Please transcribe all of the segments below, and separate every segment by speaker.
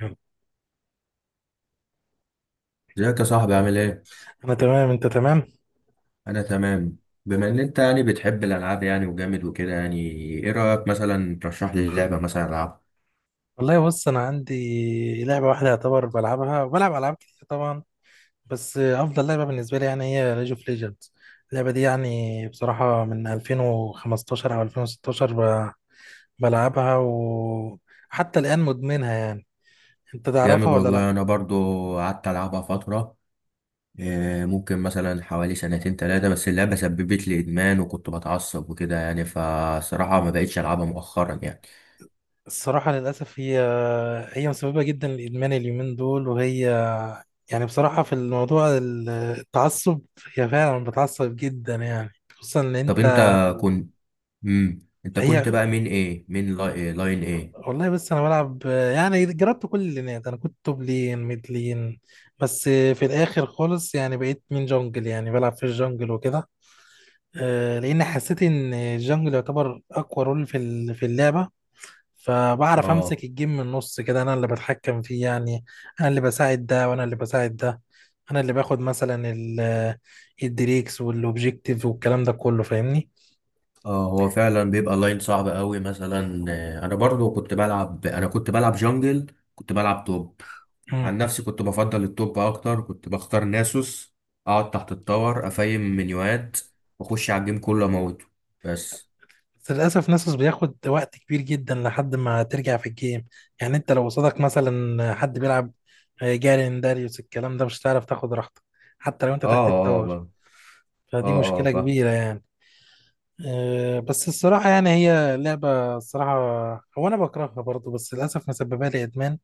Speaker 1: انا
Speaker 2: ازيك يا صاحبي، عامل ايه؟
Speaker 1: تمام، انت تمام.
Speaker 2: انا تمام. بما ان انت يعني بتحب الالعاب يعني وجامد وكده يعني، ايه رايك مثلا ترشح لي لعبه مثلا العبها؟
Speaker 1: والله بص انا عندي لعبه واحده يعتبر بلعبها، وبلعب العاب كتير طبعا. بس افضل لعبه بالنسبه لي يعني هي ليج اوف ليجندز. اللعبه دي يعني بصراحه من 2015 او 2016 بلعبها وحتى الان مدمنها يعني. انت
Speaker 2: جامد
Speaker 1: تعرفها ولا لا؟
Speaker 2: والله، انا برضو قعدت العبها فتره. إيه، ممكن مثلا حوالي سنتين ثلاثه، بس اللعبه سببت لي ادمان وكنت بتعصب وكده يعني، فصراحه ما بقتش العبها مؤخرا يعني.
Speaker 1: الصراحه للاسف هي مسببه جدا لادمان اليومين دول، وهي يعني بصراحه في الموضوع التعصب، هي فعلا بتعصب جدا يعني. خصوصا ان
Speaker 2: طب انت
Speaker 1: انت...
Speaker 2: كنت، انت كنت
Speaker 1: هي
Speaker 2: بقى مين ايه؟ مين لاي... إيه؟ لاين ايه؟
Speaker 1: والله بس انا بلعب، يعني جربت كل اللينات. انا كنت توب لين، ميد لين، بس في الاخر خالص يعني بقيت من جونجل، يعني بلعب في الجونجل وكده. لان حسيت ان الجونجل يعتبر اقوى رول في في اللعبه. فبعرف
Speaker 2: اه
Speaker 1: امسك الجيم من النص كده، انا اللي بتحكم فيه يعني. انا اللي بساعد ده وانا اللي بساعد ده. انا اللي باخد مثلا الدريكس والاوبجيكتيف والكلام ده كله، فاهمني؟
Speaker 2: اه هو فعلا بيبقى لاين صعب قوي مثلا، انا كنت بلعب جونجل. كنت بلعب توب. عن نفسي كنت بفضل التوب اكتر، كنت بختار ناسوس، اقعد تحت التاور افايم منيوات، واخش على الجيم كله اموته. بس،
Speaker 1: بس للأسف ناسوس بياخد وقت كبير جدا لحد ما ترجع في الجيم. يعني انت لو قصادك مثلا حد بيلعب جارين، داريوس، الكلام ده، مش هتعرف تاخد راحتك حتى لو انت تحت
Speaker 2: اه. اه
Speaker 1: التور.
Speaker 2: بقى.
Speaker 1: فدي
Speaker 2: اه، اه،
Speaker 1: مشكلة
Speaker 2: فاهم.
Speaker 1: كبيرة يعني. بس الصراحة يعني هي لعبة الصراحة. هو أنا بكرهها برضه، بس للأسف مسببة لي إدمان.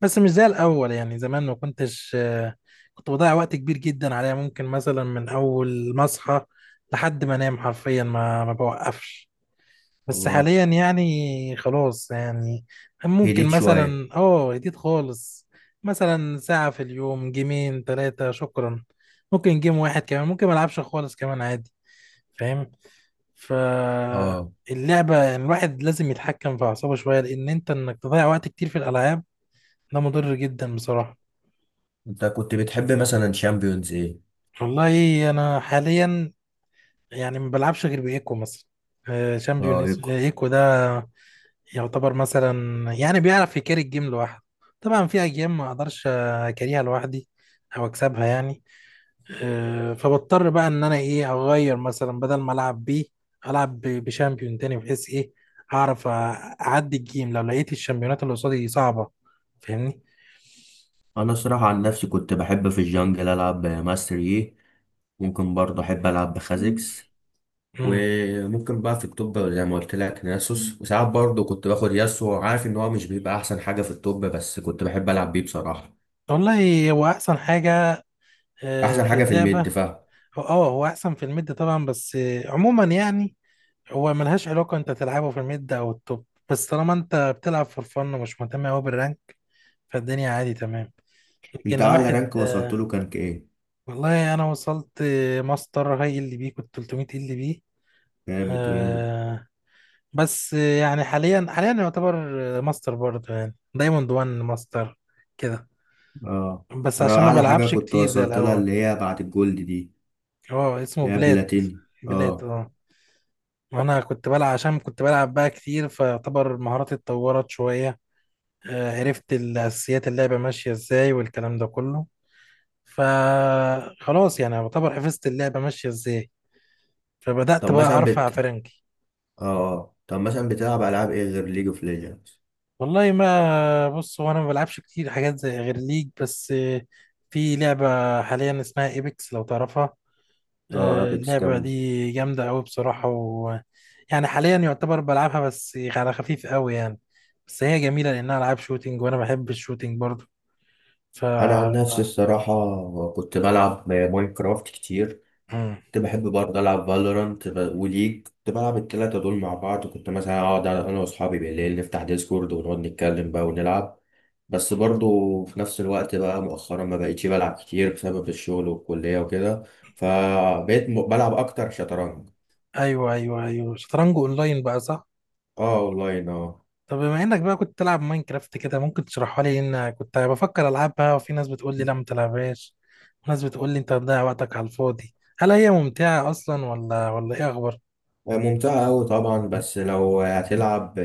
Speaker 1: بس مش زي الأول، يعني زمان ما كنتش كنت بضيع وقت كبير جدا عليها. ممكن مثلا من أول ما أصحى لحد ما أنام حرفيا ما بوقفش. بس
Speaker 2: والله
Speaker 1: حاليا يعني خلاص يعني. ممكن
Speaker 2: هديت شويه.
Speaker 1: مثلا جديد خالص مثلا ساعة في اليوم، جيمين تلاتة شكرا. ممكن جيم واحد كمان، ممكن ملعبش خالص كمان عادي، فاهم؟
Speaker 2: اه،
Speaker 1: فاللعبة يعني الواحد لازم يتحكم في أعصابه شوية، لأن أنت إنك تضيع وقت كتير في الألعاب ده مضر جدا بصراحة.
Speaker 2: انت كنت بتحب مثلا شامبيونز ايه؟
Speaker 1: والله أنا حاليا يعني ما بلعبش غير بإيكو مثلا.
Speaker 2: اه،
Speaker 1: شامبيون
Speaker 2: ايكو.
Speaker 1: إيكو ده يعتبر مثلا يعني بيعرف يكاري الجيم لوحده. طبعا في اجيال ما اقدرش اكاريها لوحدي، او اكسبها يعني. فبضطر بقى ان انا ايه، اغير مثلا، بدل ما العب بيه العب بشامبيون تاني، بحيث ايه، هعرف اعدي الجيم لو لقيت الشامبيونات اللي قصادي صعبة، فاهمني؟
Speaker 2: انا صراحه عن نفسي كنت بحب في الجونجل العب ماستر يي، ممكن برضه احب العب بخازكس،
Speaker 1: امم
Speaker 2: وممكن بقى في الطب زي ما قلت لك ناسوس، وساعات برضه كنت باخد ياسو. عارف ان هو مش بيبقى احسن حاجه في الطب، بس كنت بحب العب بيه بصراحه.
Speaker 1: والله هو احسن حاجة
Speaker 2: احسن
Speaker 1: في
Speaker 2: حاجه في الميد،
Speaker 1: اللعبة.
Speaker 2: فاهم.
Speaker 1: هو احسن في الميد طبعا، بس عموما يعني هو ملهاش علاقة انت تلعبه في الميد او التوب، بس طالما انت بتلعب فور فن ومش مهتم اوي بالرانك، فالدنيا عادي تمام.
Speaker 2: انت
Speaker 1: لكن
Speaker 2: اعلى
Speaker 1: واحد...
Speaker 2: رانك وصلت له كان ايه؟
Speaker 1: والله انا وصلت ماستر هاي ال بي، كنت 300 ال بي.
Speaker 2: جامد، جامد.
Speaker 1: آه. بس يعني حاليا يعتبر ماستر برضه يعني، دايموند 1 ماستر كده.
Speaker 2: اه،
Speaker 1: بس
Speaker 2: انا
Speaker 1: عشان ما
Speaker 2: اعلى حاجه
Speaker 1: بلعبش
Speaker 2: كنت
Speaker 1: كتير زي
Speaker 2: وصلت لها
Speaker 1: الاول.
Speaker 2: اللي هي بعد الجولد دي،
Speaker 1: هو اسمه
Speaker 2: اللي هي
Speaker 1: بلات.
Speaker 2: بلاتيني،
Speaker 1: بلات
Speaker 2: اه.
Speaker 1: اه. وانا كنت بلعب، عشان كنت بلعب بقى كتير فيعتبر مهاراتي اتطورت شوية. عرفت الأساسيات اللعبة ماشية إزاي والكلام ده كله. فخلاص يعني يعتبر حفظت اللعبة ماشية إزاي، فبدأت
Speaker 2: طب
Speaker 1: بقى
Speaker 2: مثلا
Speaker 1: أرفع
Speaker 2: بت
Speaker 1: فرنكي.
Speaker 2: اه آه. طب مثلا بتلعب العاب ايه غير ليج اوف ليجندز؟
Speaker 1: والله ما بص، هو أنا ما بلعبش كتير حاجات زي غير ليج، بس في لعبة حاليا اسمها إيبكس لو تعرفها.
Speaker 2: اه، ابيكس
Speaker 1: اللعبة
Speaker 2: جامد.
Speaker 1: دي جامدة أوي بصراحة. و يعني حاليا يعتبر بلعبها بس على خفيف أوي يعني. بس هي جميلة لأنها ألعاب شوتينج وأنا بحب الشوتينج برضه، ف...
Speaker 2: انا عن نفسي الصراحه كنت بلعب ماينكرافت كتير.
Speaker 1: مم.
Speaker 2: كنت بحب برضه ألعب فالورانت وليج، كنت بلعب التلاتة دول مع بعض، كنت مثلا أقعد أنا وأصحابي بالليل نفتح ديسكورد ونقعد نتكلم بقى ونلعب. بس برضه في نفس الوقت بقى مؤخرا ما بقيتش بلعب كتير بسبب الشغل والكلية وكده، فبقيت بلعب أكتر شطرنج.
Speaker 1: ايوه ايوه ايوه، شطرنج اونلاين بقى، صح؟
Speaker 2: اه، أونلاين، اه.
Speaker 1: طب بما انك بقى كنت تلعب ماينكرافت كده، ممكن تشرحها لي؟ ان كنت بفكر العبها، وفي ناس بتقول لي لا ما تلعبهاش، وناس بتقول لي انت بتضيع وقتك على الفاضي، هل هي ممتعة اصلا ولا ايه اخبار؟
Speaker 2: ممتعة أوي طبعا، بس لو هتلعب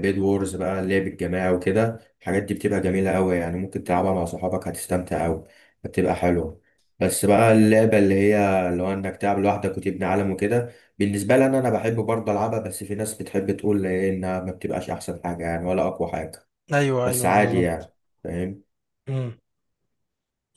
Speaker 2: بيد وورز بقى، اللعب الجماعي وكده الحاجات دي بتبقى جميلة أوي يعني، ممكن تلعبها مع صحابك هتستمتع أوي، بتبقى حلوة. بس بقى اللعبة اللي هي اللي هو إنك تلعب لوحدك وتبني عالم وكده، بالنسبة لي أنا بحب برضه ألعبها، بس في ناس بتحب تقول إيه إنها ما بتبقاش أحسن حاجة يعني، ولا أقوى حاجة.
Speaker 1: ايوه
Speaker 2: بس
Speaker 1: ايوه
Speaker 2: عادي
Speaker 1: بالظبط.
Speaker 2: يعني. فاهم.
Speaker 1: امم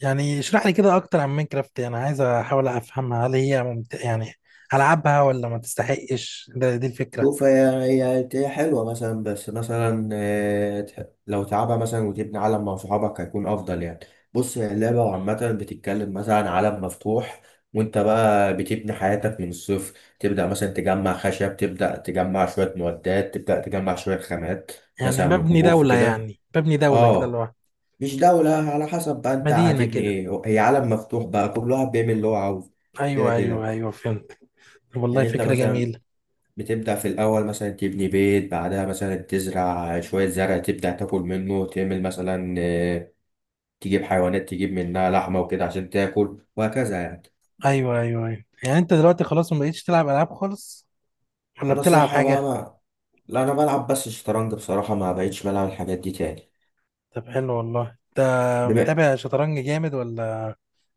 Speaker 1: يعني اشرح لي كده اكتر عن ماينكرافت، انا عايز احاول افهمها، هل هي ممتعة يعني، العبها ولا ما تستحقش؟ ده دي الفكرة.
Speaker 2: شوف، هي حلوة مثلا، بس مثلا لو تلعبها مثلا وتبني عالم مع صحابك هيكون أفضل يعني. بص، هي اللعبة عامة بتتكلم مثلا عن عالم مفتوح، وأنت بقى بتبني حياتك من الصفر، تبدأ مثلا تجمع خشب، تبدأ تجمع شوية معدات، تبدأ تجمع شوية خامات،
Speaker 1: يعني
Speaker 2: مثلا من
Speaker 1: ببني
Speaker 2: كهوف
Speaker 1: دولة،
Speaker 2: وكده.
Speaker 1: يعني ببني دولة كده اللي
Speaker 2: اه،
Speaker 1: هو...
Speaker 2: مش دولة، على حسب بقى أنت
Speaker 1: مدينة
Speaker 2: هتبني
Speaker 1: كده.
Speaker 2: إيه، هي عالم مفتوح بقى كل واحد بيعمل اللي هو عاوزه. كده
Speaker 1: ايوه ايوه
Speaker 2: كده.
Speaker 1: ايوه فهمت. طب والله
Speaker 2: يعني أنت
Speaker 1: فكرة
Speaker 2: مثلا
Speaker 1: جميلة.
Speaker 2: بتبدأ في الأول مثلا تبني بيت، بعدها مثلا تزرع شوية زرع، تبدأ تاكل منه، تعمل مثلا تجيب حيوانات، تجيب منها لحمة وكده عشان تاكل، وهكذا يعني.
Speaker 1: ايوه ايوه ايوه، يعني انت دلوقتي خلاص ما بقيتش تلعب العاب خالص، ولا
Speaker 2: أنا
Speaker 1: بتلعب
Speaker 2: الصراحة بقى
Speaker 1: حاجه؟
Speaker 2: ما لا، أنا بلعب بس شطرنج بصراحة، ما بقتش بلعب الحاجات دي تاني.
Speaker 1: طب حلو والله، انت
Speaker 2: بما
Speaker 1: متابع شطرنج جامد، ولا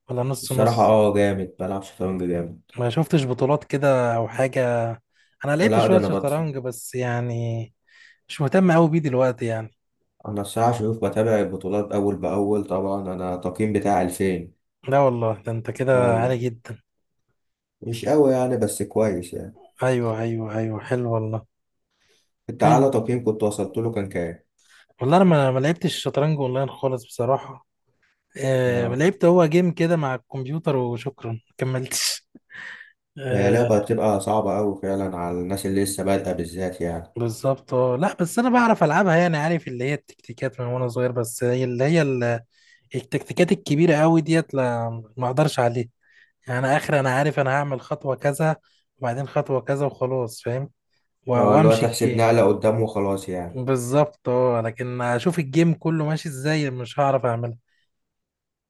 Speaker 1: ولا نص
Speaker 2: الصراحة،
Speaker 1: نص؟
Speaker 2: اه، جامد، بلعب شطرنج جامد.
Speaker 1: ما شفتش بطولات كده او حاجه؟ انا لقيت
Speaker 2: لا، ده
Speaker 1: شويه
Speaker 2: أنا بطفي.
Speaker 1: شطرنج بس يعني مش مهتم قوي بيه دلوقتي يعني.
Speaker 2: أنا الصراحة شوف بتابع البطولات أول بأول طبعا، أنا التقييم بتاعي 2000.
Speaker 1: لا والله ده انت
Speaker 2: اه،
Speaker 1: كده عالي
Speaker 2: والله
Speaker 1: جدا.
Speaker 2: مش قوي يعني، بس كويس يعني.
Speaker 1: ايوه ايوه ايوه حلو والله.
Speaker 2: انت أعلى
Speaker 1: ايوه.
Speaker 2: تقييم كنت وصلت له كان كام؟
Speaker 1: والله انا ما لعبتش شطرنج اونلاين خالص بصراحه. آه،
Speaker 2: اه،
Speaker 1: لعبت هو جيم كده مع الكمبيوتر وشكرا ما كملتش.
Speaker 2: هي
Speaker 1: آه،
Speaker 2: لعبة بتبقى صعبة أوي فعلا على الناس اللي لسه بادئة بالذات يعني.
Speaker 1: بالظبط. اه، لا بس انا بعرف العبها، يعني عارف اللي هي التكتيكات من وانا صغير، بس هي اللي هي التكتيكات الكبيره قوي ديت لا، ما اقدرش عليها. يعني انا اخر، انا عارف انا هعمل خطوه كذا وبعدين خطوه كذا وخلاص، فاهم؟ و-
Speaker 2: اه، اللي هو
Speaker 1: وامشي
Speaker 2: تحسب
Speaker 1: الجيم.
Speaker 2: نقلة قدام وخلاص يعني.
Speaker 1: بالظبط اه، لكن اشوف الجيم كله ماشي ازاي مش هعرف اعملها.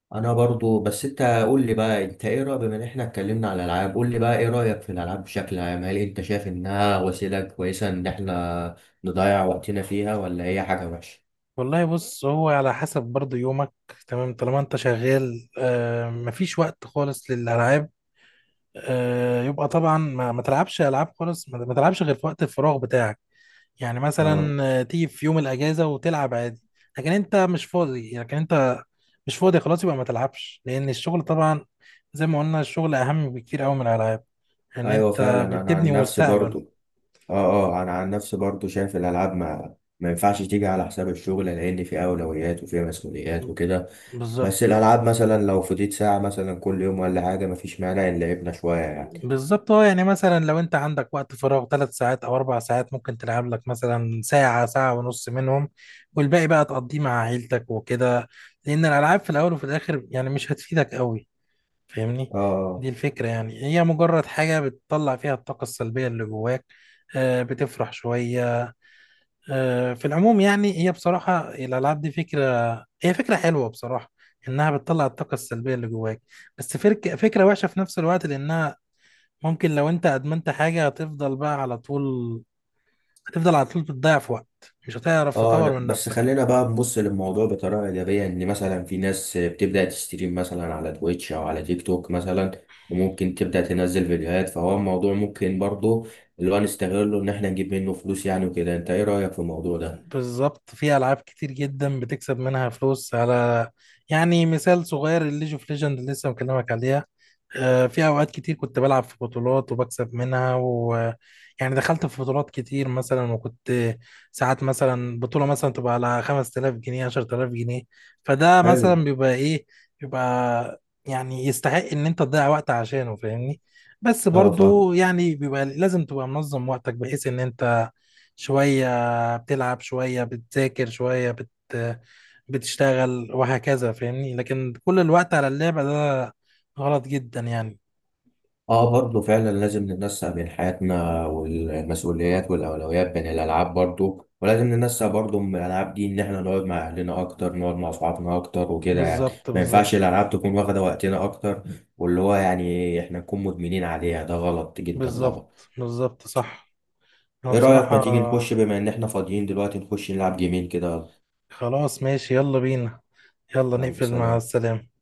Speaker 2: أنا برضو. بس أنت قول لي بقى، أنت إيه رأيك، بما إن إحنا اتكلمنا على الألعاب قول لي بقى إيه رأيك في الألعاب بشكل عام، هل أنت شايف إنها وسيلة كويسة إن إحنا نضيع وقتنا فيها، ولا هي حاجة وحشة؟
Speaker 1: والله بص، هو على حسب برضو يومك. تمام، طالما انت شغال آه مفيش وقت خالص للالعاب، يبقى طبعا ما تلعبش العاب خالص، ما تلعبش غير في وقت الفراغ بتاعك. يعني
Speaker 2: اه،
Speaker 1: مثلا تيجي في يوم الاجازه وتلعب عادي. لكن انت مش فاضي، لكن انت مش فاضي خلاص، يبقى ما تلعبش، لان الشغل طبعا زي ما قلنا الشغل اهم بكتير قوي من الالعاب، ان
Speaker 2: أيوة فعلا.
Speaker 1: انت
Speaker 2: أنا عن
Speaker 1: بتبني
Speaker 2: نفسي
Speaker 1: مستقبل.
Speaker 2: برضو اه اه انا عن نفسي برضو شايف الالعاب ما ينفعش تيجي على حساب الشغل، لان في اولويات وفي مسؤوليات وكده. بس
Speaker 1: بالظبط
Speaker 2: الالعاب مثلا لو فضيت ساعه مثلا كل يوم ولا حاجه، مفيش مانع ان لعبنا شويه يعني.
Speaker 1: بالظبط. اه يعني مثلا لو انت عندك وقت فراغ ثلاث ساعات او اربع ساعات، ممكن تلعب لك مثلا ساعة، ساعة ونص منهم، والباقي بقى تقضيه مع عيلتك وكده. لان الالعاب في الاول وفي الاخر يعني مش هتفيدك قوي، فاهمني؟
Speaker 2: اه،
Speaker 1: دي
Speaker 2: اه،
Speaker 1: الفكرة، يعني هي مجرد حاجة بتطلع فيها الطاقة السلبية اللي جواك، بتفرح شوية. في العموم يعني هي بصراحة الألعاب دي فكرة، هي فكرة حلوة بصراحة إنها بتطلع الطاقة السلبية اللي جواك، بس فكرة وحشة في نفس الوقت، لأنها ممكن لو أنت أدمنت حاجة هتفضل بقى على طول، هتفضل على طول بتضيع في وقت مش هتعرف
Speaker 2: اه.
Speaker 1: تطور من
Speaker 2: بس
Speaker 1: نفسك.
Speaker 2: خلينا بقى نبص للموضوع بطريقه ايجابيه، ان مثلا في ناس بتبدا تستريم مثلا على تويتش او على تيك توك مثلا، وممكن تبدا تنزل فيديوهات، فهو الموضوع ممكن برضو اللي هو نستغله ان احنا نجيب منه فلوس يعني وكده. انت ايه رايك في الموضوع ده؟
Speaker 1: بالظبط، في ألعاب كتير جدا بتكسب منها فلوس، على يعني مثال صغير الليج اوف ليجند اللي لسه مكلمك عليها، في اوقات كتير كنت بلعب في بطولات وبكسب منها. و يعني دخلت في بطولات كتير مثلا، وكنت ساعات مثلا بطولة مثلا تبقى على 5000 جنيه، 10000 جنيه، فده
Speaker 2: حلو.
Speaker 1: مثلا بيبقى ايه، بيبقى يعني يستحق ان انت تضيع وقت عشانه، فاهمني؟ بس
Speaker 2: اه، فاهم.
Speaker 1: برضو يعني بيبقى لازم تبقى منظم وقتك، بحيث ان انت شوية بتلعب شوية بتذاكر شوية بتشتغل، وهكذا فاهمني؟ لكن كل الوقت على اللعبة ده غلط جدا يعني.
Speaker 2: اه، برضه فعلا لازم ننسق بين حياتنا والمسؤوليات والاولويات بين الالعاب برضه، ولازم ننسق برضه من الالعاب دي ان احنا نقعد مع اهلنا اكتر، نقعد مع اصحابنا اكتر وكده يعني،
Speaker 1: بالظبط
Speaker 2: ما ينفعش
Speaker 1: بالظبط.
Speaker 2: الالعاب تكون واخده وقتنا اكتر، واللي هو يعني احنا نكون مدمنين عليها، ده غلط جدا طبعا.
Speaker 1: بالظبط بالظبط صح. انا
Speaker 2: ايه رايك ما
Speaker 1: بصراحة...
Speaker 2: تيجي نخش بما ان احنا فاضيين دلوقتي نخش نلعب جيمين كده؟
Speaker 1: خلاص ماشي، يلا بينا. يلا
Speaker 2: يلا
Speaker 1: نقفل، مع
Speaker 2: سلام.
Speaker 1: السلامة.